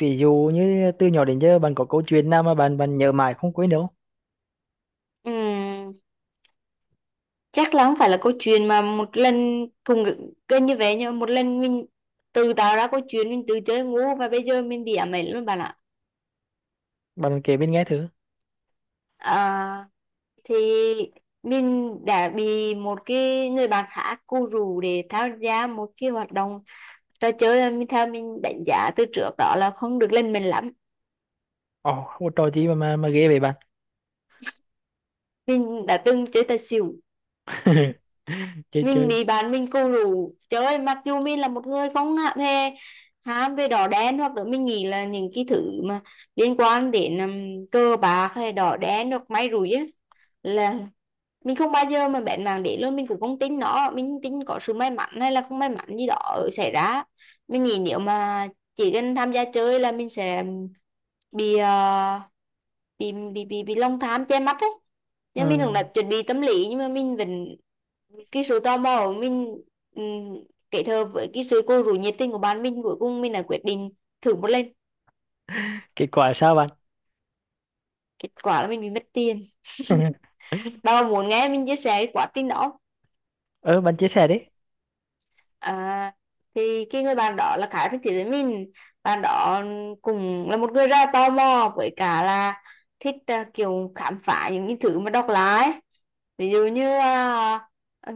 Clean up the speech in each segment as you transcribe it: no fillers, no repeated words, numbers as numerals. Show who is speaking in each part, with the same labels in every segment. Speaker 1: Ví dụ như từ nhỏ đến giờ bạn có câu chuyện nào mà bạn bạn nhớ mãi không quên đâu?
Speaker 2: Ừm, chắc là không phải là câu chuyện mà một lần cùng gần như vậy, nhưng mà một lần mình tự tạo ra câu chuyện, mình tự chơi ngu và bây giờ mình bị ám ảnh luôn bạn ạ.
Speaker 1: Bạn kể bên nghe thử.
Speaker 2: à, thì mình đã bị một cái người bạn khác cô rủ để tham gia một cái hoạt động, trò chơi mà mình theo mình đánh giá từ trước đó là không được lên mình lắm.
Speaker 1: Ồ, không có trò gì mà mà ghê vậy bạn?
Speaker 2: Mình đã từng chơi tài xỉu.
Speaker 1: Chơi
Speaker 2: Mình
Speaker 1: chơi.
Speaker 2: bị bạn mình cù rủ trời ơi, mặc dù mình là một người không hề ham về đỏ đen, hoặc là mình nghĩ là những cái thứ mà liên quan đến cờ bạc hay đỏ đen hoặc may rủi á, là mình không bao giờ mà bén mảng để luôn. Mình cũng không tin nó, mình tin có sự may mắn hay là không may mắn gì đó xảy ra. Mình nghĩ nếu mà chỉ cần tham gia chơi là mình sẽ bị bị lòng tham che mắt ấy. Nhưng mình
Speaker 1: Ừ.
Speaker 2: cũng đã chuẩn bị tâm lý nhưng mà mình vẫn cái sự tò mò của mình, um, kết hợp với cái sự cô rủ nhiệt tình của bạn mình, cuối cùng mình đã quyết định thử một lần.
Speaker 1: Kết quả sao bạn?
Speaker 2: Kết quả là mình bị mất tiền. Bà có muốn nghe mình chia sẻ cái quá trình đó không?
Speaker 1: Ờ, bạn chia sẻ đi.
Speaker 2: À, thì cái người bạn đó là khá thích thú với mình. Bạn đó cũng là một người rất là tò mò, với cả là thích kiểu khám phá những cái thứ mà độc lạ ấy. Ví dụ như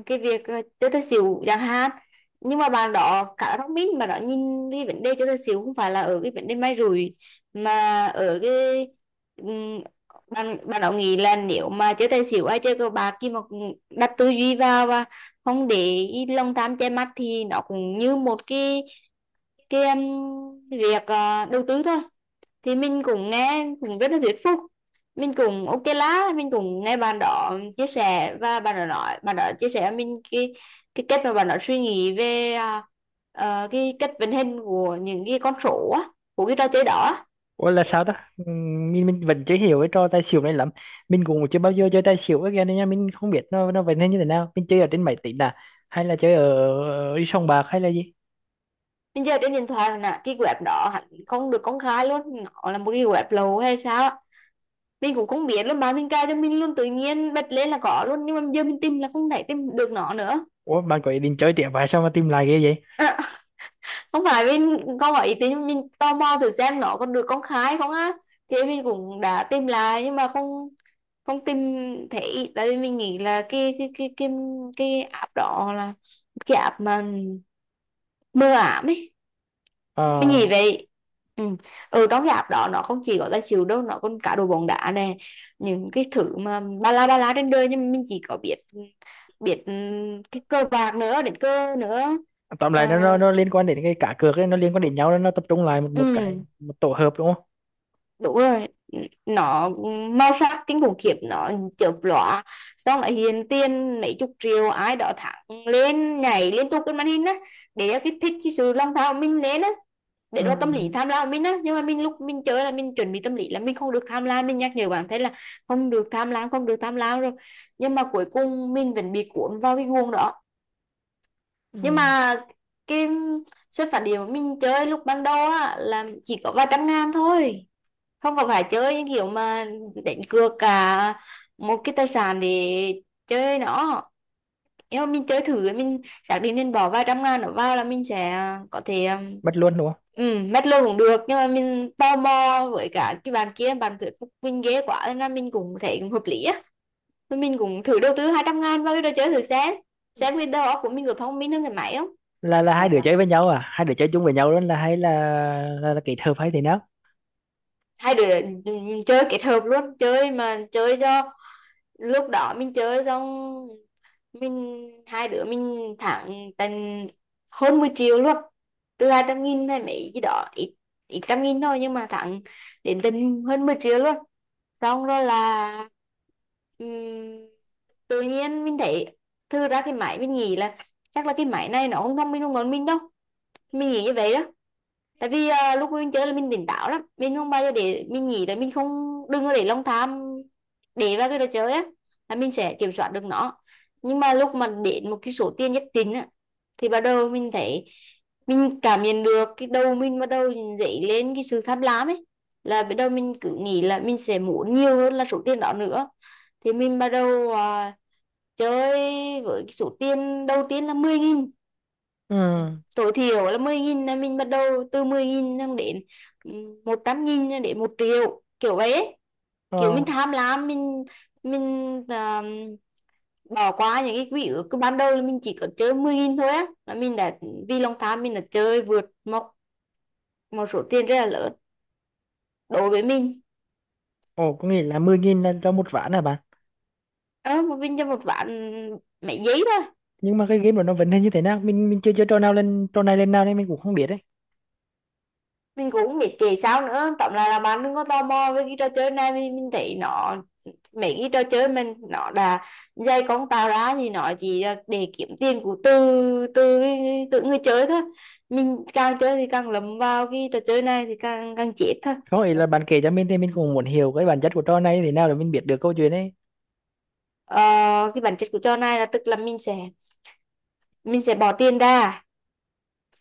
Speaker 2: cái việc chơi tài xỉu chẳng hạn. Nhưng mà bạn đó khá là thông minh, mà đó nhìn cái vấn đề chơi tài xỉu không phải là ở cái vấn đề may rủi, mà ở cái ừm, bạn bạn đó nghĩ là nếu mà chơi tài xỉu hay chơi cờ bạc, khi mà đặt tư duy vào và không để ý lòng tham che mắt, thì nó cũng như một cái việc đầu tư thôi. Thì mình cũng nghe cũng rất là thuyết phục, mình cũng ok lá, mình cũng nghe bạn đó chia sẻ, và bạn đó nói, bạn đó chia sẻ với mình cái cách mà bạn đó suy nghĩ về cái cách vận hành của những cái con số á, của cái trò chơi đó á.
Speaker 1: Ủa là sao ta? Mình vẫn chưa hiểu cái trò tài xỉu này lắm. Mình cũng chưa bao giờ chơi tài xỉu, cái game này nha, mình không biết nó vậy nên như thế nào. Mình chơi ở trên máy tính à, hay là chơi ở sòng bạc hay là gì?
Speaker 2: Mình giờ trên điện thoại là cái web đó hẳn không được công khai luôn, nó là một cái web lậu hay sao mình cũng không biết luôn. Bạn mình cài cho mình luôn, tự nhiên bật lên là có luôn, nhưng mà giờ mình tìm là không thể tìm được nó nữa.
Speaker 1: Ủa bạn có ý định chơi tiếp vậy sao mà tìm lại ghê vậy?
Speaker 2: Không phải mình không có ý tính, mình tò mò thử xem nó có được công khai không á. Thì mình cũng đã tìm lại nhưng mà không không tìm thấy, tại vì mình nghĩ là cái cái app đó là cái app mà mờ ảm ấy. Cái
Speaker 1: Ờ.
Speaker 2: gì vậy? Ừ. Ừ, đóng dạp đó nó không chỉ có là chịu đâu, nó còn cả đồ bóng đá nè. Những cái thứ mà ba la trên đời, nhưng mà mình chỉ có biết biết cái cờ bạc nữa, đến cơ nữa.
Speaker 1: Tóm
Speaker 2: Ờ,
Speaker 1: lại nó nó liên quan đến cái cá cược ấy, nó liên quan đến nhau nên nó tập trung lại một một cái,
Speaker 2: ừ.
Speaker 1: một tổ hợp đúng không?
Speaker 2: Đúng rồi, nó màu sắc kinh khủng khiếp, nó chớp lóa, xong lại hiện tiền mấy chục triệu ai đó thẳng lên nhảy liên tục trên màn hình á, để kích thích cái sự lòng tham của mình lên á, để
Speaker 1: Ừ.
Speaker 2: nó tâm lý tham lam của mình á. Nhưng mà mình lúc mình chơi là mình chuẩn bị tâm lý là mình không được tham lam, mình nhắc nhở bản thân là không được tham lam, không được tham lam rồi, nhưng mà cuối cùng mình vẫn bị cuốn vào cái guồng đó. Nhưng
Speaker 1: Ừ.
Speaker 2: mà cái xuất phát điểm của mình chơi lúc ban đầu á là chỉ có vài trăm ngàn thôi, không có phải chơi những kiểu mà đánh cược cả một cái tài sản để chơi nó. Nếu mà mình chơi thử, mình xác định mình bỏ vài trăm ngàn nó vào là mình sẽ có thể
Speaker 1: Mất luôn đúng không?
Speaker 2: ừ, mất luôn cũng được, nhưng mà mình tò mò với cả cái bạn kia bạn thuyết phục mình ghê quá nên là mình cũng thấy cũng hợp lý á. Thôi mình cũng thử đầu tư 200.000 vào cái đồ chơi thử xem cái đầu óc của mình có thông minh hơn cái máy không.
Speaker 1: Là là hai đứa chơi với nhau à, hai đứa chơi chung với nhau luôn, là hay là là kết hợp hay thế nào?
Speaker 2: Hai đứa, ừ, ừ, chơi kết hợp luôn, chơi mà chơi cho lúc đó mình chơi xong mình hai đứa mình thắng tận hơn 10 triệu luôn. Từ 200.000 hay mấy gì đó, ít ít trăm nghìn thôi, nhưng mà thắng đến tận hơn 10 triệu luôn. Xong rồi là ừm, tự nhiên mình thấy thư ra cái máy, mình nghĩ là chắc là cái máy này nó không thông minh hơn bọn mình đâu, mình nghĩ như vậy đó. Tại vì lúc mình chơi là mình tỉnh táo lắm, mình không bao giờ để mình nghĩ là mình không, đừng có để lòng tham để vào cái đồ chơi á, là mình sẽ kiểm soát được nó. Nhưng mà lúc mà đến một cái số tiền nhất định á, thì bắt đầu mình thấy mình cảm nhận được cái đầu mình bắt đầu dậy lên cái sự tham lam ấy, là bắt đầu mình cứ nghĩ là mình sẽ muốn nhiều hơn là số tiền đó nữa. Thì mình bắt đầu chơi với cái số tiền đầu tiên là 10.000.
Speaker 1: Ừ.
Speaker 2: Tối thiểu là 10.000, là mình bắt đầu từ 10.000 xong đến ừ, 100.000 cho đến 1 triệu kiểu vậy ấy.
Speaker 1: Ờ.
Speaker 2: Kiểu mình tham lam, mình à, bỏ qua những cái quỹ ước, cứ ban đầu là mình chỉ có chơi 10.000 thôi á, là mình đã vì lòng tham mình đã chơi vượt một một số tiền rất là lớn đối với mình.
Speaker 1: Ồ, có nghĩa là mười nghìn là cho một ván à bạn?
Speaker 2: Ờ một mình cho một vạn mấy giấy thôi.
Speaker 1: Nhưng mà cái game của nó vấn đề như thế nào, mình chưa chơi trò nào lên trò này lên nào nên mình cũng không biết đấy.
Speaker 2: Mình cũng không biết kể sao nữa, tóm lại là bạn đừng có tò mò với cái trò chơi này, vì mình thấy nó mấy cái trò chơi mình nó đã dây con tàu ra thì nó chỉ để kiếm tiền của từ từ tự người chơi thôi. Mình càng chơi thì càng lấm vào cái trò chơi này thì càng càng chết thôi.
Speaker 1: Có nghĩa là bạn kể cho mình thì mình cũng muốn hiểu cái bản chất của trò này thế nào để mình biết được câu chuyện ấy.
Speaker 2: Ờ, cái bản chất của trò này là, tức là mình sẽ bỏ tiền ra,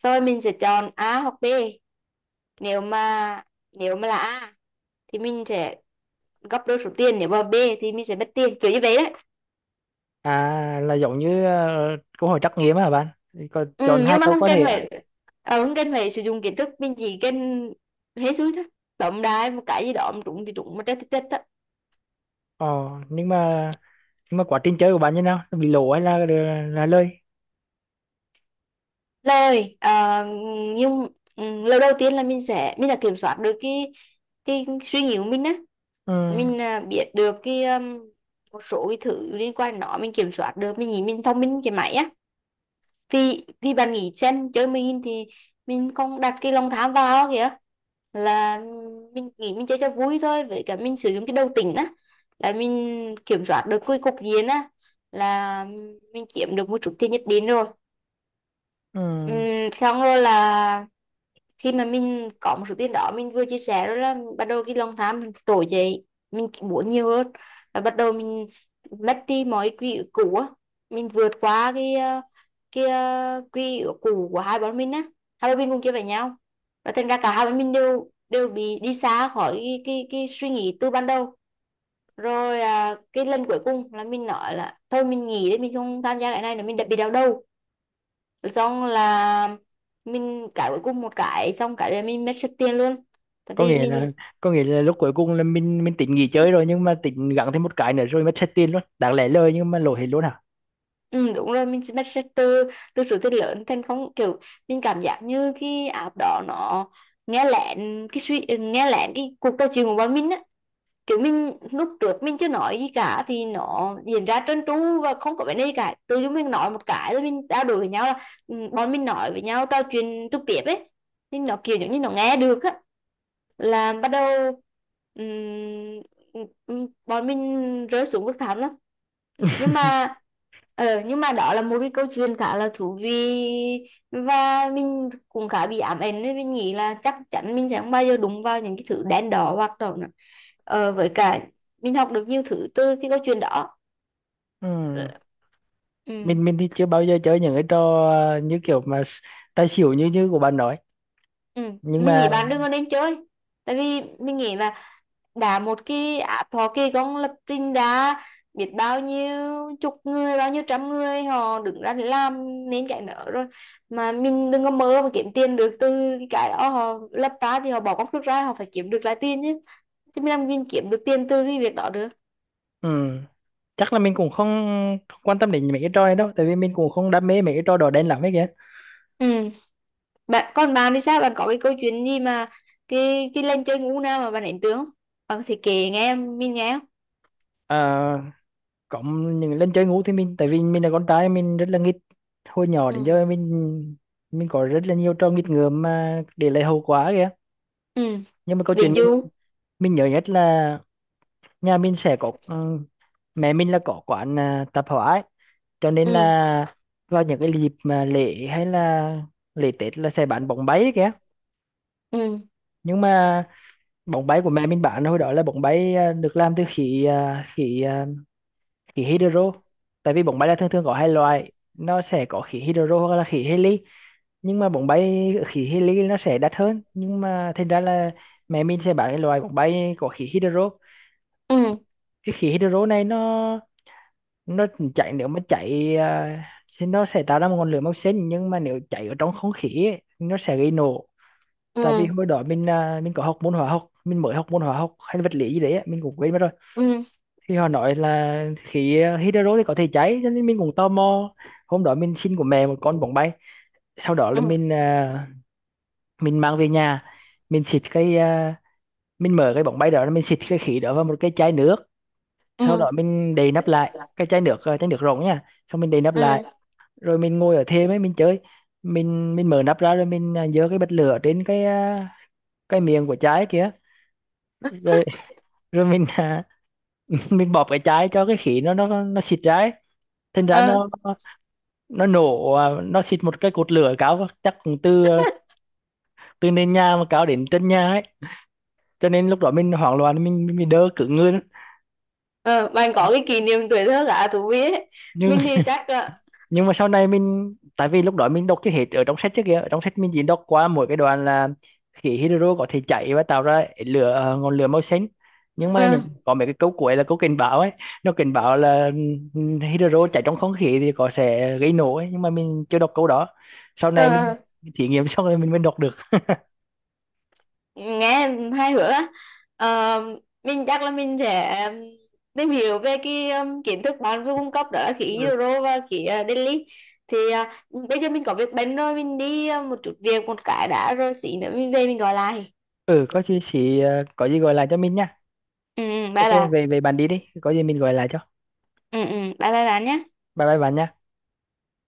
Speaker 2: rồi mình sẽ chọn A hoặc B. Nếu mà nếu mà là A thì mình sẽ gấp đôi số tiền, nếu mà B thì mình sẽ mất tiền kiểu như vậy đấy.
Speaker 1: À, là giống như câu hỏi trắc nghiệm à bạn? Thì còn chọn
Speaker 2: Ừ,
Speaker 1: hai
Speaker 2: nhưng mà
Speaker 1: câu
Speaker 2: không
Speaker 1: có
Speaker 2: cần
Speaker 1: thể.
Speaker 2: phải không cần phải sử dụng kiến thức, mình chỉ cần hết sức thôi. Tổng đài một cái gì đó mà trúng thì trúng mà chết thì chết thôi.
Speaker 1: Ờ, nhưng mà nhưng mà quá trình chơi của bạn như nào? Nó bị lỗ hay là lơi?
Speaker 2: Lời nhưng ừ, lời đầu tiên là mình sẽ mình đã kiểm soát được cái suy nghĩ của mình á.
Speaker 1: Ừ.
Speaker 2: Mình biết được cái một số cái thứ liên quan đến nó, mình kiểm soát được, mình nghĩ mình thông minh cái máy á. Vì vì bạn nghĩ xem chơi mình thì mình không đặt cái lòng tham vào kìa, là mình nghĩ mình chơi cho vui thôi, với cả mình sử dụng cái đầu tỉnh á, là mình kiểm soát được cái cục diện á, là mình kiếm được một chút tiền nhất định rồi.
Speaker 1: Ừ.
Speaker 2: Xong rồi là khi mà mình có một số tiền đó mình vừa chia sẻ rồi, là bắt đầu cái lòng tham mình trỗi dậy, mình muốn nhiều hơn, và bắt đầu mình mất đi mọi quỹ ước cũ á. Mình vượt qua cái cái quỹ ước cũ của hai bọn mình á, hai bọn mình cùng chơi với nhau, và thành ra cả hai bọn mình đều đều bị đi xa khỏi cái cái suy nghĩ từ ban đầu. Rồi cái lần cuối cùng là mình nói là thôi mình nghỉ đi, mình không tham gia cái này nữa, mình đã bị đau đầu. Xong là mình cãi cuối cùng một cái, xong cái là mình mất sạch tiền luôn. Tại
Speaker 1: Có
Speaker 2: vì
Speaker 1: nghĩa là
Speaker 2: mình
Speaker 1: có nghĩa là lúc cuối cùng là mình tính nghỉ chơi rồi nhưng mà tính gắng thêm một cái nữa rồi mất hết tiền luôn. Đáng lẽ lời nhưng mà lỗ hết luôn hả?
Speaker 2: ừ, đúng rồi, mình mất sạch từ từ số tiền lớn thành không, kiểu mình cảm giác như cái app đó nó nghe lén cái suy, nghe lén cái cuộc trò chuyện của bọn mình á. Kiểu mình lúc trước mình chưa nói gì cả thì nó diễn ra trơn tru và không có vấn đề gì cả, tự dưng mình nói một cái rồi mình trao đổi với nhau là ừ, bọn mình nói với nhau trò chuyện trực tiếp ấy, thì nó kiểu giống như nó nghe được á, là bắt đầu bọn mình rơi xuống vực thẳm lắm. Nhưng mà nhưng mà đó là một cái câu chuyện khá là thú vị, và mình cũng khá bị ám ảnh, nên mình nghĩ là chắc chắn mình sẽ không bao giờ đụng vào những cái thứ đen đỏ hoặc đó nữa. Ờ, với cả mình học được nhiều thứ từ cái câu chuyện đó.
Speaker 1: Ừ.
Speaker 2: Ờ, ừ.
Speaker 1: Mình thì chưa bao giờ chơi những cái trò như kiểu mà tài xỉu như như của bạn nói.
Speaker 2: Ừ.
Speaker 1: Nhưng
Speaker 2: Mình nghĩ
Speaker 1: mà
Speaker 2: bạn đừng có nên chơi, tại vì mình nghĩ là đã một cái app họ kỳ công lập trình đã biết bao nhiêu chục người bao nhiêu trăm người họ đứng ra để làm nên cái nợ rồi, mà mình đừng có mơ mà kiếm tiền được từ cái đó. Họ lập ra thì họ bỏ công sức ra họ phải kiếm được lại tiền chứ, chứ mình làm mình kiếm được tiền từ cái việc đó được.
Speaker 1: ừ, chắc là mình cũng không, không quan tâm đến mấy cái trò này đâu, tại vì mình cũng không đam mê mấy cái trò đỏ đen lắm ấy kìa.
Speaker 2: Ừ. Bạn còn, bạn thì sao, bạn có cái câu chuyện gì mà cái lần chơi ngủ nào mà bạn ấn tượng không, bạn thì kể nghe em, mình nghe không.
Speaker 1: Ờ, cộng những lần chơi ngủ thì mình, tại vì mình là con trai mình rất là nghịch, hồi nhỏ đến giờ
Speaker 2: Ừ.
Speaker 1: mình có rất là nhiều trò nghịch ngợm mà để lại hậu quả kìa.
Speaker 2: Ừ.
Speaker 1: Nhưng mà câu
Speaker 2: Ví
Speaker 1: chuyện mình
Speaker 2: dụ.
Speaker 1: mình nhớ nhất là nhà mình sẽ có mẹ mình là có quán tạp hóa ấy. Cho nên
Speaker 2: Ừ.
Speaker 1: là vào những cái dịp mà lễ hay là lễ Tết là sẽ bán bóng bay kìa.
Speaker 2: Ừ.
Speaker 1: Nhưng mà bóng bay của mẹ mình bán hồi đó là bóng bay được làm từ khí khí hydro. Tại vì bóng bay là thường thường có hai loại, nó sẽ có khí hydro hoặc là khí heli. Nhưng mà bóng bay khí heli nó sẽ đắt hơn, nhưng mà thành ra là mẹ mình sẽ bán cái loại bóng bay có khí hydro.
Speaker 2: Ừ.
Speaker 1: Cái khí hydro này nó chạy, nếu mà chạy thì nó sẽ tạo ra một ngọn lửa màu xanh, nhưng mà nếu chạy ở trong không khí ấy, nó sẽ gây nổ.
Speaker 2: Ừ.
Speaker 1: Tại vì hồi đó mình có học môn hóa học, mình mới học môn hóa học hay vật lý gì đấy á, mình cũng quên mất rồi.
Speaker 2: Ừ.
Speaker 1: Thì họ nói là khí hydro thì có thể cháy, cho nên mình cũng tò mò. Hôm đó mình xin của mẹ một con bóng bay, sau đó là
Speaker 2: Ừ.
Speaker 1: mình mang về nhà. mình xịt cái à, mình mở cái bóng bay đó, mình xịt cái khí đó vào một cái chai nước. Sau
Speaker 2: Ừ.
Speaker 1: đó mình đậy nắp lại cái chai nước chai nước rỗng nha. Xong mình đậy nắp
Speaker 2: Ừ.
Speaker 1: lại, rồi mình ngồi ở thêm ấy mình chơi. Mình mở nắp ra rồi giơ cái bật lửa trên cái cái miệng của chai kia. Rồi rồi mình à, mình bóp cái chai cho cái khí nó nó xịt ra ấy. Thành ra
Speaker 2: Ờ.
Speaker 1: nó nổ nó xịt một cái cột lửa cao, chắc cũng từ từ nền nhà mà cao đến chân nhà ấy. Cho nên lúc đó mình hoảng loạn, mình đỡ cứng người lắm.
Speaker 2: Ờ bạn có
Speaker 1: nhưng
Speaker 2: cái kỷ niệm tuổi thơ cả thú vị ấy.
Speaker 1: nhưng
Speaker 2: Mình thì chắc là
Speaker 1: mà sau này mình, tại vì lúc đó mình đọc chưa hết ở trong sách, trước kia ở trong sách mình chỉ đọc qua mỗi cái đoạn là khí hydro có thể cháy và tạo ra lửa ngọn lửa màu xanh, nhưng mà
Speaker 2: ờ.
Speaker 1: những có mấy cái câu cuối là câu cảnh báo ấy. Nó cảnh báo là ừ, hydro cháy trong không khí thì có sẽ gây nổ ấy, nhưng mà mình chưa đọc câu đó. Sau này mình
Speaker 2: Ờ
Speaker 1: thí nghiệm xong rồi mình mới đọc được.
Speaker 2: nghe hai hứa á. Ờ, mình chắc là mình sẽ tìm hiểu về cái kiến thức bạn vừa cung cấp, đó là khí
Speaker 1: Ừ.
Speaker 2: Euro và khí Delhi. Thì bây giờ mình có việc bận rồi, mình đi một chút việc một cái đã, rồi xí nữa mình về mình gọi lại.
Speaker 1: Ừ, có gì chỉ có gì gọi lại cho mình nha.
Speaker 2: Ừ ừ,
Speaker 1: OK,
Speaker 2: bye bye.
Speaker 1: về về bạn đi đi, có gì mình gọi lại cho.
Speaker 2: Ừ ừ, bye bye bạn nhé.
Speaker 1: Bye bye bạn nha.